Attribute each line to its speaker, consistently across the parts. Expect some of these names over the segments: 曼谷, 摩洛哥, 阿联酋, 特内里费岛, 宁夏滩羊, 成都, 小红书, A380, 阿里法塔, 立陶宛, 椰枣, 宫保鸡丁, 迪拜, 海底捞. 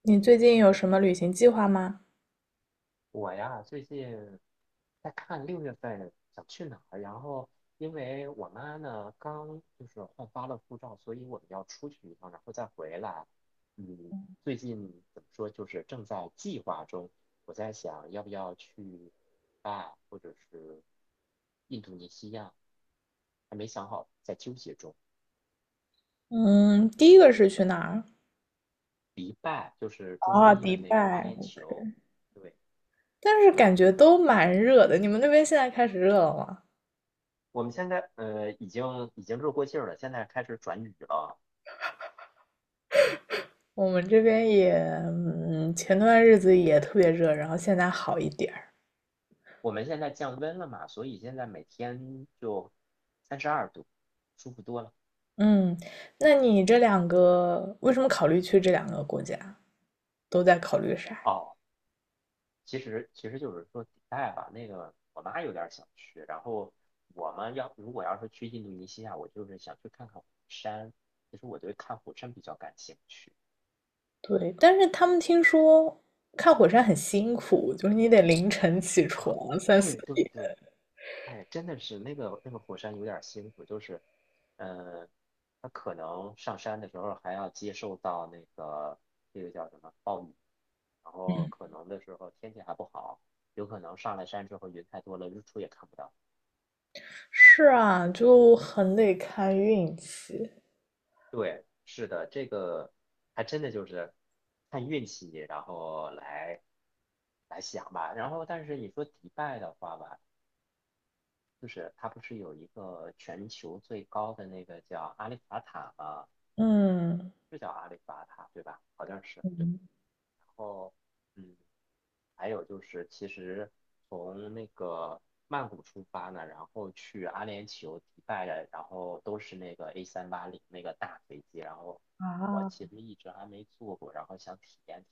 Speaker 1: 你最近有什么旅行计划吗？
Speaker 2: 我呀，最近在看6月份想去哪儿，然后因为我妈呢刚就是换发了护照，所以我们要出去一趟，然后再回来。嗯，最近怎么说，就是正在计划中。我在想要不要去啊，或者是印度尼西亚，还没想好，在纠结中。
Speaker 1: 嗯，第一个是去哪儿？
Speaker 2: 迪拜就是中
Speaker 1: 啊，
Speaker 2: 东
Speaker 1: 迪
Speaker 2: 的那个阿
Speaker 1: 拜，
Speaker 2: 联酋。对。
Speaker 1: 但是感觉都蛮热的。你们那边现在开始热了吗？
Speaker 2: 我们现在已经热过劲儿了，现在开始转雨了。
Speaker 1: 我们这边也，嗯，前段日子也特别热，然后现在好一点儿。
Speaker 2: 我们现在降温了嘛，所以现在每天就32度，舒服多了。
Speaker 1: 嗯，那你这两个为什么考虑去这两个国家？都在考虑啥。
Speaker 2: 哦，其实就是说迪拜吧，那个我妈有点想去，然后我们要如果要是去印度尼西亚，我就是想去看看火山。其实我对看火山比较感兴趣
Speaker 1: 对，但是他们听说看火山很辛苦，就是你得凌晨起
Speaker 2: 啊。
Speaker 1: 床三四
Speaker 2: 对对
Speaker 1: 点。
Speaker 2: 对，哎，真的是那个火山有点辛苦，就是，呃，它可能上山的时候还要接受到那个叫什么暴雨，然后可能的时候天气还不好，有可能上了山之后云太多了，日出也看不到。
Speaker 1: 是啊，就很得看运气。
Speaker 2: 对，是的，这个还真的就是看运气，然后来想吧。然后，但是你说迪拜的话吧，就是它不是有一个全球最高的那个叫阿里法塔吗？
Speaker 1: 嗯
Speaker 2: 是叫阿里法塔对吧？好像是对。
Speaker 1: 嗯
Speaker 2: 然后，嗯，还有就是，其实从那个曼谷出发呢，然后去阿联酋、迪拜，的，然后都是那个 a 三八零那个大飞机，然后我
Speaker 1: 啊，
Speaker 2: 其实一直还没坐过，然后想体验。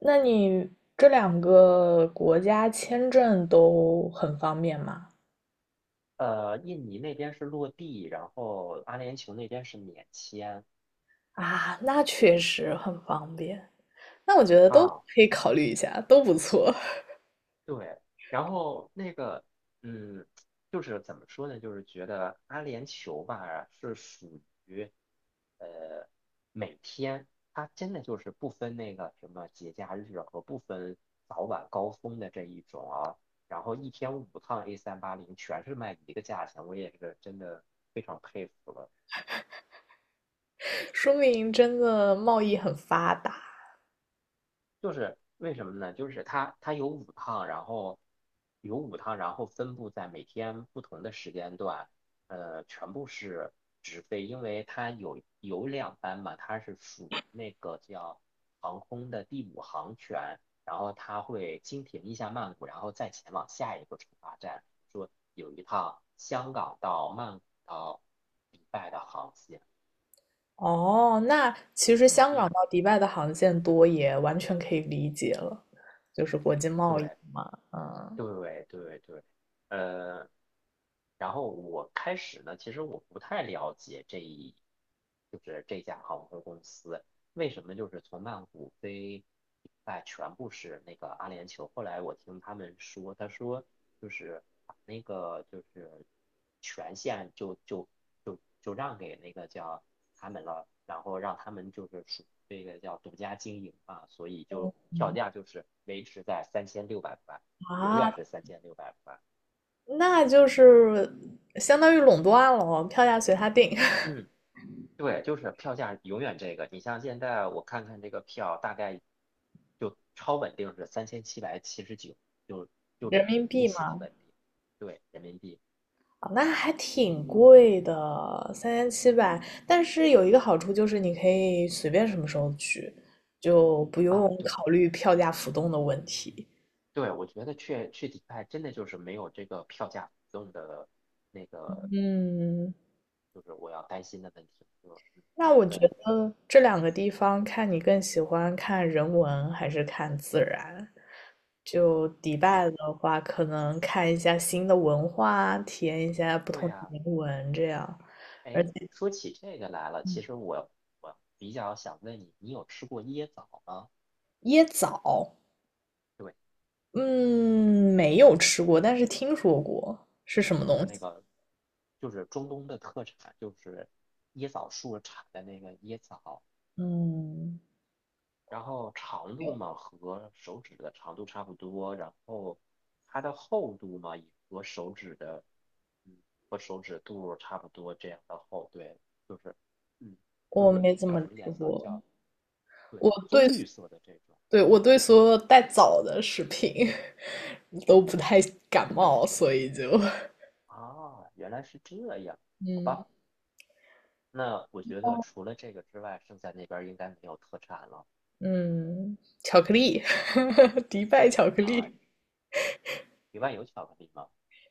Speaker 1: 那你这两个国家签证都很方便吗？
Speaker 2: 印尼那边是落地，然后阿联酋那边是免签。
Speaker 1: 啊，那确实很方便。那我觉得都
Speaker 2: 啊，
Speaker 1: 可以考虑一下，都不错。
Speaker 2: 对，然后那个嗯，就是怎么说呢，就是觉得阿联酋吧是属呃，每天它真的就是不分那个什么节假日和不分早晚高峰的这一种啊，然后一天五趟 A 三八零全是卖一个价钱，我也是真的非常佩服了。
Speaker 1: 说明真的贸易很发达。
Speaker 2: 就是为什么呢？就是它有五趟，然后有五趟，然后分布在每天不同的时间段，全部是直飞，因为它有两班嘛，它是属那个叫航空的第五航权，然后它会经停一下曼谷，然后再前往下一个出发站。说有一趟香港到曼谷到迪拜的航线。
Speaker 1: 哦，那其实香港
Speaker 2: 嗯，
Speaker 1: 到迪拜的航线多，也完全可以理解了，就是国际贸易
Speaker 2: 对。
Speaker 1: 嘛。嗯
Speaker 2: 对对对。呃，然后我开始呢，其实我不太了解就是这家航空公司为什么就是从曼谷飞，哎，全部是那个阿联酋。后来我听他们说，他说就是把那个就是权限就让给那个叫他们了，然后让他们就是属于这个叫独家经营嘛，所以就票价就是维持在三千六百块。永
Speaker 1: 啊，
Speaker 2: 远是三千六百块。
Speaker 1: 那就是相当于垄断了，票价随他定。
Speaker 2: 嗯，对，就是票价永远这个。你像现在我看看这个票，大概就超稳定是3779，就 就
Speaker 1: 人民
Speaker 2: 如
Speaker 1: 币
Speaker 2: 此的
Speaker 1: 嘛。
Speaker 2: 稳定。对，人民币
Speaker 1: 啊，那还挺贵的，3700，但是有一个好处就是你可以随便什么时候去，就不用
Speaker 2: 啊。对
Speaker 1: 考虑票价浮动的问题。
Speaker 2: 对，我觉得去去迪拜真的就是没有这个票价浮动的那个，
Speaker 1: 嗯。
Speaker 2: 就是我要担心的问题。我
Speaker 1: 那我
Speaker 2: 觉
Speaker 1: 觉
Speaker 2: 得
Speaker 1: 得这两个地方，看你更喜欢看人文还是看自然。就迪拜
Speaker 2: 对
Speaker 1: 的话，可能看一下新的文化，体验一下不
Speaker 2: 对
Speaker 1: 同的
Speaker 2: 呀、
Speaker 1: 人文这样。而
Speaker 2: 哎，
Speaker 1: 且
Speaker 2: 说起这个来了，其实我比较想问你，你有吃过椰枣吗？
Speaker 1: 椰枣，
Speaker 2: 对，
Speaker 1: 嗯，没有吃过，但是听说过是什么
Speaker 2: 就
Speaker 1: 东
Speaker 2: 是那
Speaker 1: 西。
Speaker 2: 个，就是中东的特产，就是椰枣树产的那个椰枣，
Speaker 1: 嗯，
Speaker 2: 然后长度
Speaker 1: 有，
Speaker 2: 嘛和手指的长度差不多，然后它的厚度嘛也和手指的，嗯，和手指肚差不多这样的厚，对，就是，嗯，就
Speaker 1: 我
Speaker 2: 是
Speaker 1: 没怎么
Speaker 2: 叫什么
Speaker 1: 吃
Speaker 2: 颜色？
Speaker 1: 过。
Speaker 2: 叫，对，
Speaker 1: 我对，
Speaker 2: 棕绿色的这种。
Speaker 1: 对，我对所有带枣的食品 都不太感冒，所以就，
Speaker 2: 啊，原来是这样，好
Speaker 1: 嗯。
Speaker 2: 吧。那我觉得除了这个之外，剩下那边儿应该没有特产了
Speaker 1: 嗯，巧克力，迪拜巧克
Speaker 2: 啊。
Speaker 1: 力，
Speaker 2: 你外有巧克力吗？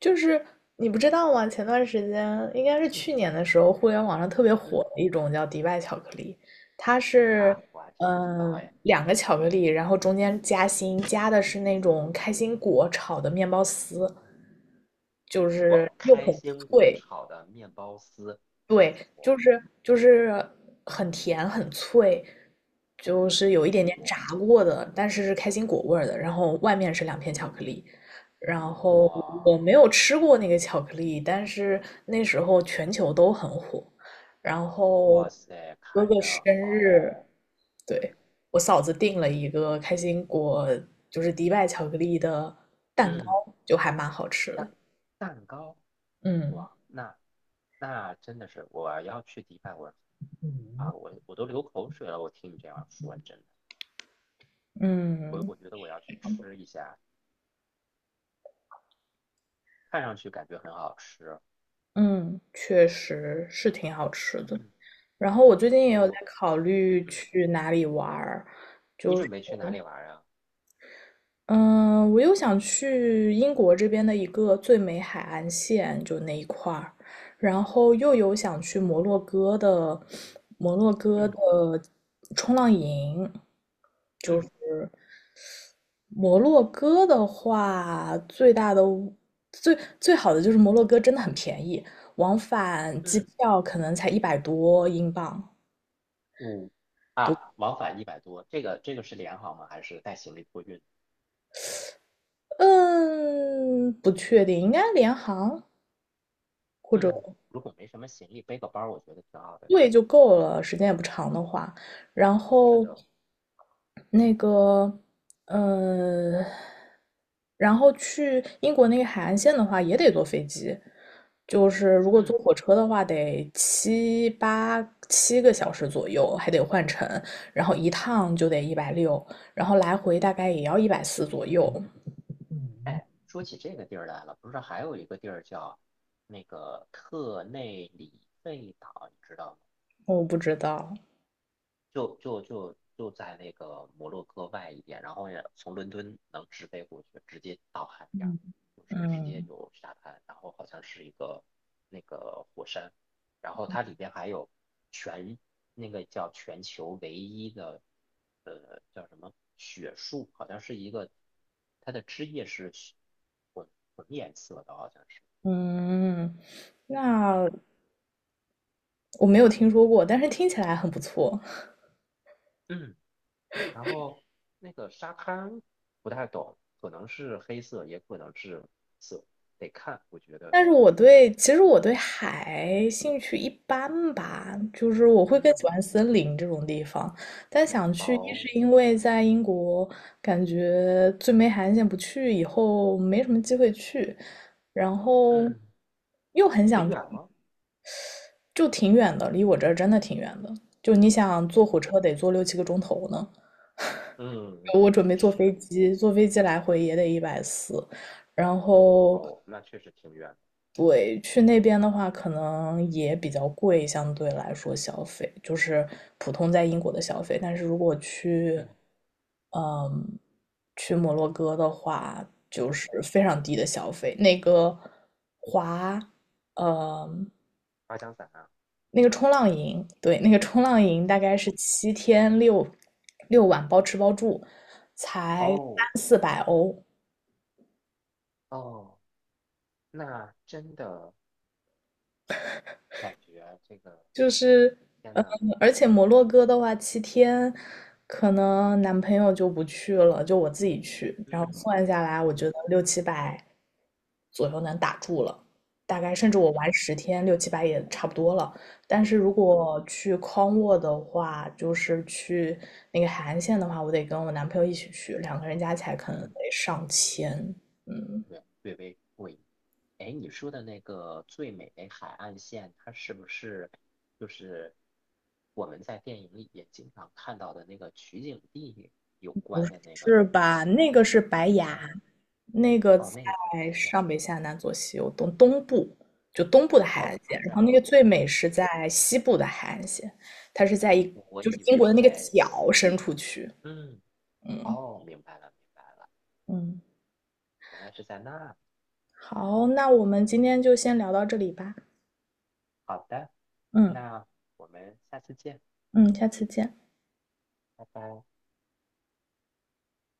Speaker 1: 就是你不知道吗？前段时间应该是去年的时候，互联网上特别
Speaker 2: 嗯
Speaker 1: 火的一种叫迪拜巧克力。它是
Speaker 2: 我还真不知道
Speaker 1: 嗯
Speaker 2: 哎。
Speaker 1: 两个巧克力，然后中间夹心，夹的是那种开心果炒的面包丝，就是
Speaker 2: 我
Speaker 1: 又
Speaker 2: 开
Speaker 1: 很
Speaker 2: 心果
Speaker 1: 脆。
Speaker 2: 炒的面包丝，
Speaker 1: 对，就
Speaker 2: 我
Speaker 1: 是就是很甜很脆，就是有一点点炸
Speaker 2: 我
Speaker 1: 过的，但是是开心果味儿的，然后外面是两片巧克力。然后我
Speaker 2: 我，
Speaker 1: 没有吃过那个巧克力，但是那时候全球都很火。然后
Speaker 2: 哇塞，
Speaker 1: 哥
Speaker 2: 看
Speaker 1: 哥生
Speaker 2: 着
Speaker 1: 日，
Speaker 2: 好。嗯
Speaker 1: 对，我嫂子订了一个开心果，就是迪拜巧克力的，
Speaker 2: 嗯。
Speaker 1: 就还蛮好吃的。
Speaker 2: 蛋蛋糕。
Speaker 1: 嗯
Speaker 2: 哇，那真的是我要去迪拜，我啊，我都流口水了。我听你这样说，真的，我
Speaker 1: 嗯
Speaker 2: 我觉得我要去吃一下，看上去感觉很好吃。
Speaker 1: 嗯，确实是挺好吃的。
Speaker 2: 嗯，
Speaker 1: 然后我最近也有在
Speaker 2: 我
Speaker 1: 考虑
Speaker 2: 嗯，
Speaker 1: 去哪里玩儿。
Speaker 2: 你准备去哪里玩啊？
Speaker 1: 嗯，我又想去英国这边的一个最美海岸线，就那一块儿，然后又有想去摩洛哥的摩洛哥
Speaker 2: 嗯
Speaker 1: 的冲浪营。
Speaker 2: 嗯
Speaker 1: 摩洛哥的话，最大的最最好的就是摩洛哥真的很便宜，往返机
Speaker 2: 嗯。
Speaker 1: 票可能才100多英镑。
Speaker 2: 五啊，往返100多，这个这个是联航吗？还是带行李托运？
Speaker 1: 嗯，不确定，应该联航或者。
Speaker 2: 嗯，如果没什么行李，背个包儿我觉得挺好的。
Speaker 1: 对就够了，时间也不长的话。然
Speaker 2: 是
Speaker 1: 后
Speaker 2: 的。
Speaker 1: 那个，嗯，然后去英国那个海岸线的话，也得坐飞机。就是如果
Speaker 2: 嗯，
Speaker 1: 坐火车的话，得7个小时左右，还得换乘，然后一趟就得160，然后来回大概也要一百四左右。
Speaker 2: 哎，说起这个地儿来了，不是还有一个地儿叫那个特内里费岛，你知道吗？
Speaker 1: 我不知道，
Speaker 2: 就在那个摩洛哥外一点，然后也从伦敦能直飞过去，直接到海边儿
Speaker 1: 嗯，
Speaker 2: 就是直接
Speaker 1: 嗯
Speaker 2: 就沙滩，然后好像是一个那个火山，然后它里边还有全那个叫全球唯一的叫什么雪树，好像是一个它的枝叶是雪混混颜色的，好像是。
Speaker 1: 嗯，那
Speaker 2: 嗯
Speaker 1: 我没有听说过，但是听起来很不错。
Speaker 2: 嗯。然后那个沙滩不太懂，可能是黑色，也可能是色，得看。我觉得，
Speaker 1: 但是
Speaker 2: 嗯
Speaker 1: 其实我对海兴趣一般吧，就是我会更
Speaker 2: 嗯。
Speaker 1: 喜欢森林这种地方。但想去，一
Speaker 2: 哦。
Speaker 1: 是因为在英国感觉最没海岸线不去，以后没什么机会去，然后
Speaker 2: 嗯，
Speaker 1: 又很
Speaker 2: 很
Speaker 1: 想去
Speaker 2: 远吗？
Speaker 1: 就挺远的，离我这儿真的挺远的。就你想坐火
Speaker 2: 嗯
Speaker 1: 车得坐六七个钟头呢，
Speaker 2: 嗯。
Speaker 1: 我准备坐飞
Speaker 2: 是。
Speaker 1: 机，坐飞机来回也得一百四，然后
Speaker 2: 哦，那确实挺远的。
Speaker 1: 对，去那边的话，可能也比较贵，相对来说消费就是普通在英国的消费。但是如果去，
Speaker 2: 嗯
Speaker 1: 嗯，去摩洛哥的话，就
Speaker 2: 嗯，
Speaker 1: 是非常低的消费。那个滑，嗯，
Speaker 2: 滑翔伞啊。
Speaker 1: 那个冲浪营，对，那个冲浪营大概是
Speaker 2: 哦
Speaker 1: 七天6晚，包吃包住，才
Speaker 2: 哦
Speaker 1: 3、400欧。
Speaker 2: 哦，那真的感觉这个，
Speaker 1: 就是，
Speaker 2: 天
Speaker 1: 嗯，
Speaker 2: 呐。
Speaker 1: 而且摩洛哥的话，七天，可能男朋友就不去了，就我自己去，然后
Speaker 2: 嗯
Speaker 1: 算下来，我觉得
Speaker 2: 嗯
Speaker 1: 六七百左右能打住了，大概甚至我玩
Speaker 2: 嗯
Speaker 1: 10天，六七百也差不多了。但是如
Speaker 2: 嗯
Speaker 1: 果去康沃的话，就是去那个海岸线的话，我得跟我男朋友一起去，两个人加起来可能
Speaker 2: 嗯。
Speaker 1: 得上千。嗯，
Speaker 2: 略微过瘾。哎，你说的那个最美的海岸线，它是不是就是我们在电影里也经常看到的那个取景地有关的那个？
Speaker 1: 是
Speaker 2: 就是
Speaker 1: 吧？
Speaker 2: 其
Speaker 1: 那个是白崖，
Speaker 2: 哦
Speaker 1: 那个在
Speaker 2: 哦，那个是白亚。
Speaker 1: 上北下南左西右东东部，就东部的海岸
Speaker 2: 哦，
Speaker 1: 线。
Speaker 2: 还
Speaker 1: 然
Speaker 2: 在
Speaker 1: 后那个
Speaker 2: 东
Speaker 1: 最美是
Speaker 2: 部，
Speaker 1: 在西部的海岸线，它是在一
Speaker 2: 我
Speaker 1: 就是
Speaker 2: 以
Speaker 1: 英国
Speaker 2: 为
Speaker 1: 的那个
Speaker 2: 在
Speaker 1: 角
Speaker 2: 西。
Speaker 1: 伸出去。
Speaker 2: 嗯，
Speaker 1: 嗯
Speaker 2: 哦，明白了明白了，
Speaker 1: 嗯，
Speaker 2: 原来是在那。
Speaker 1: 好，那我们今天就先聊到这里吧。
Speaker 2: 好的，
Speaker 1: 嗯
Speaker 2: 那我们下次见，
Speaker 1: 嗯，下次见。
Speaker 2: 拜拜。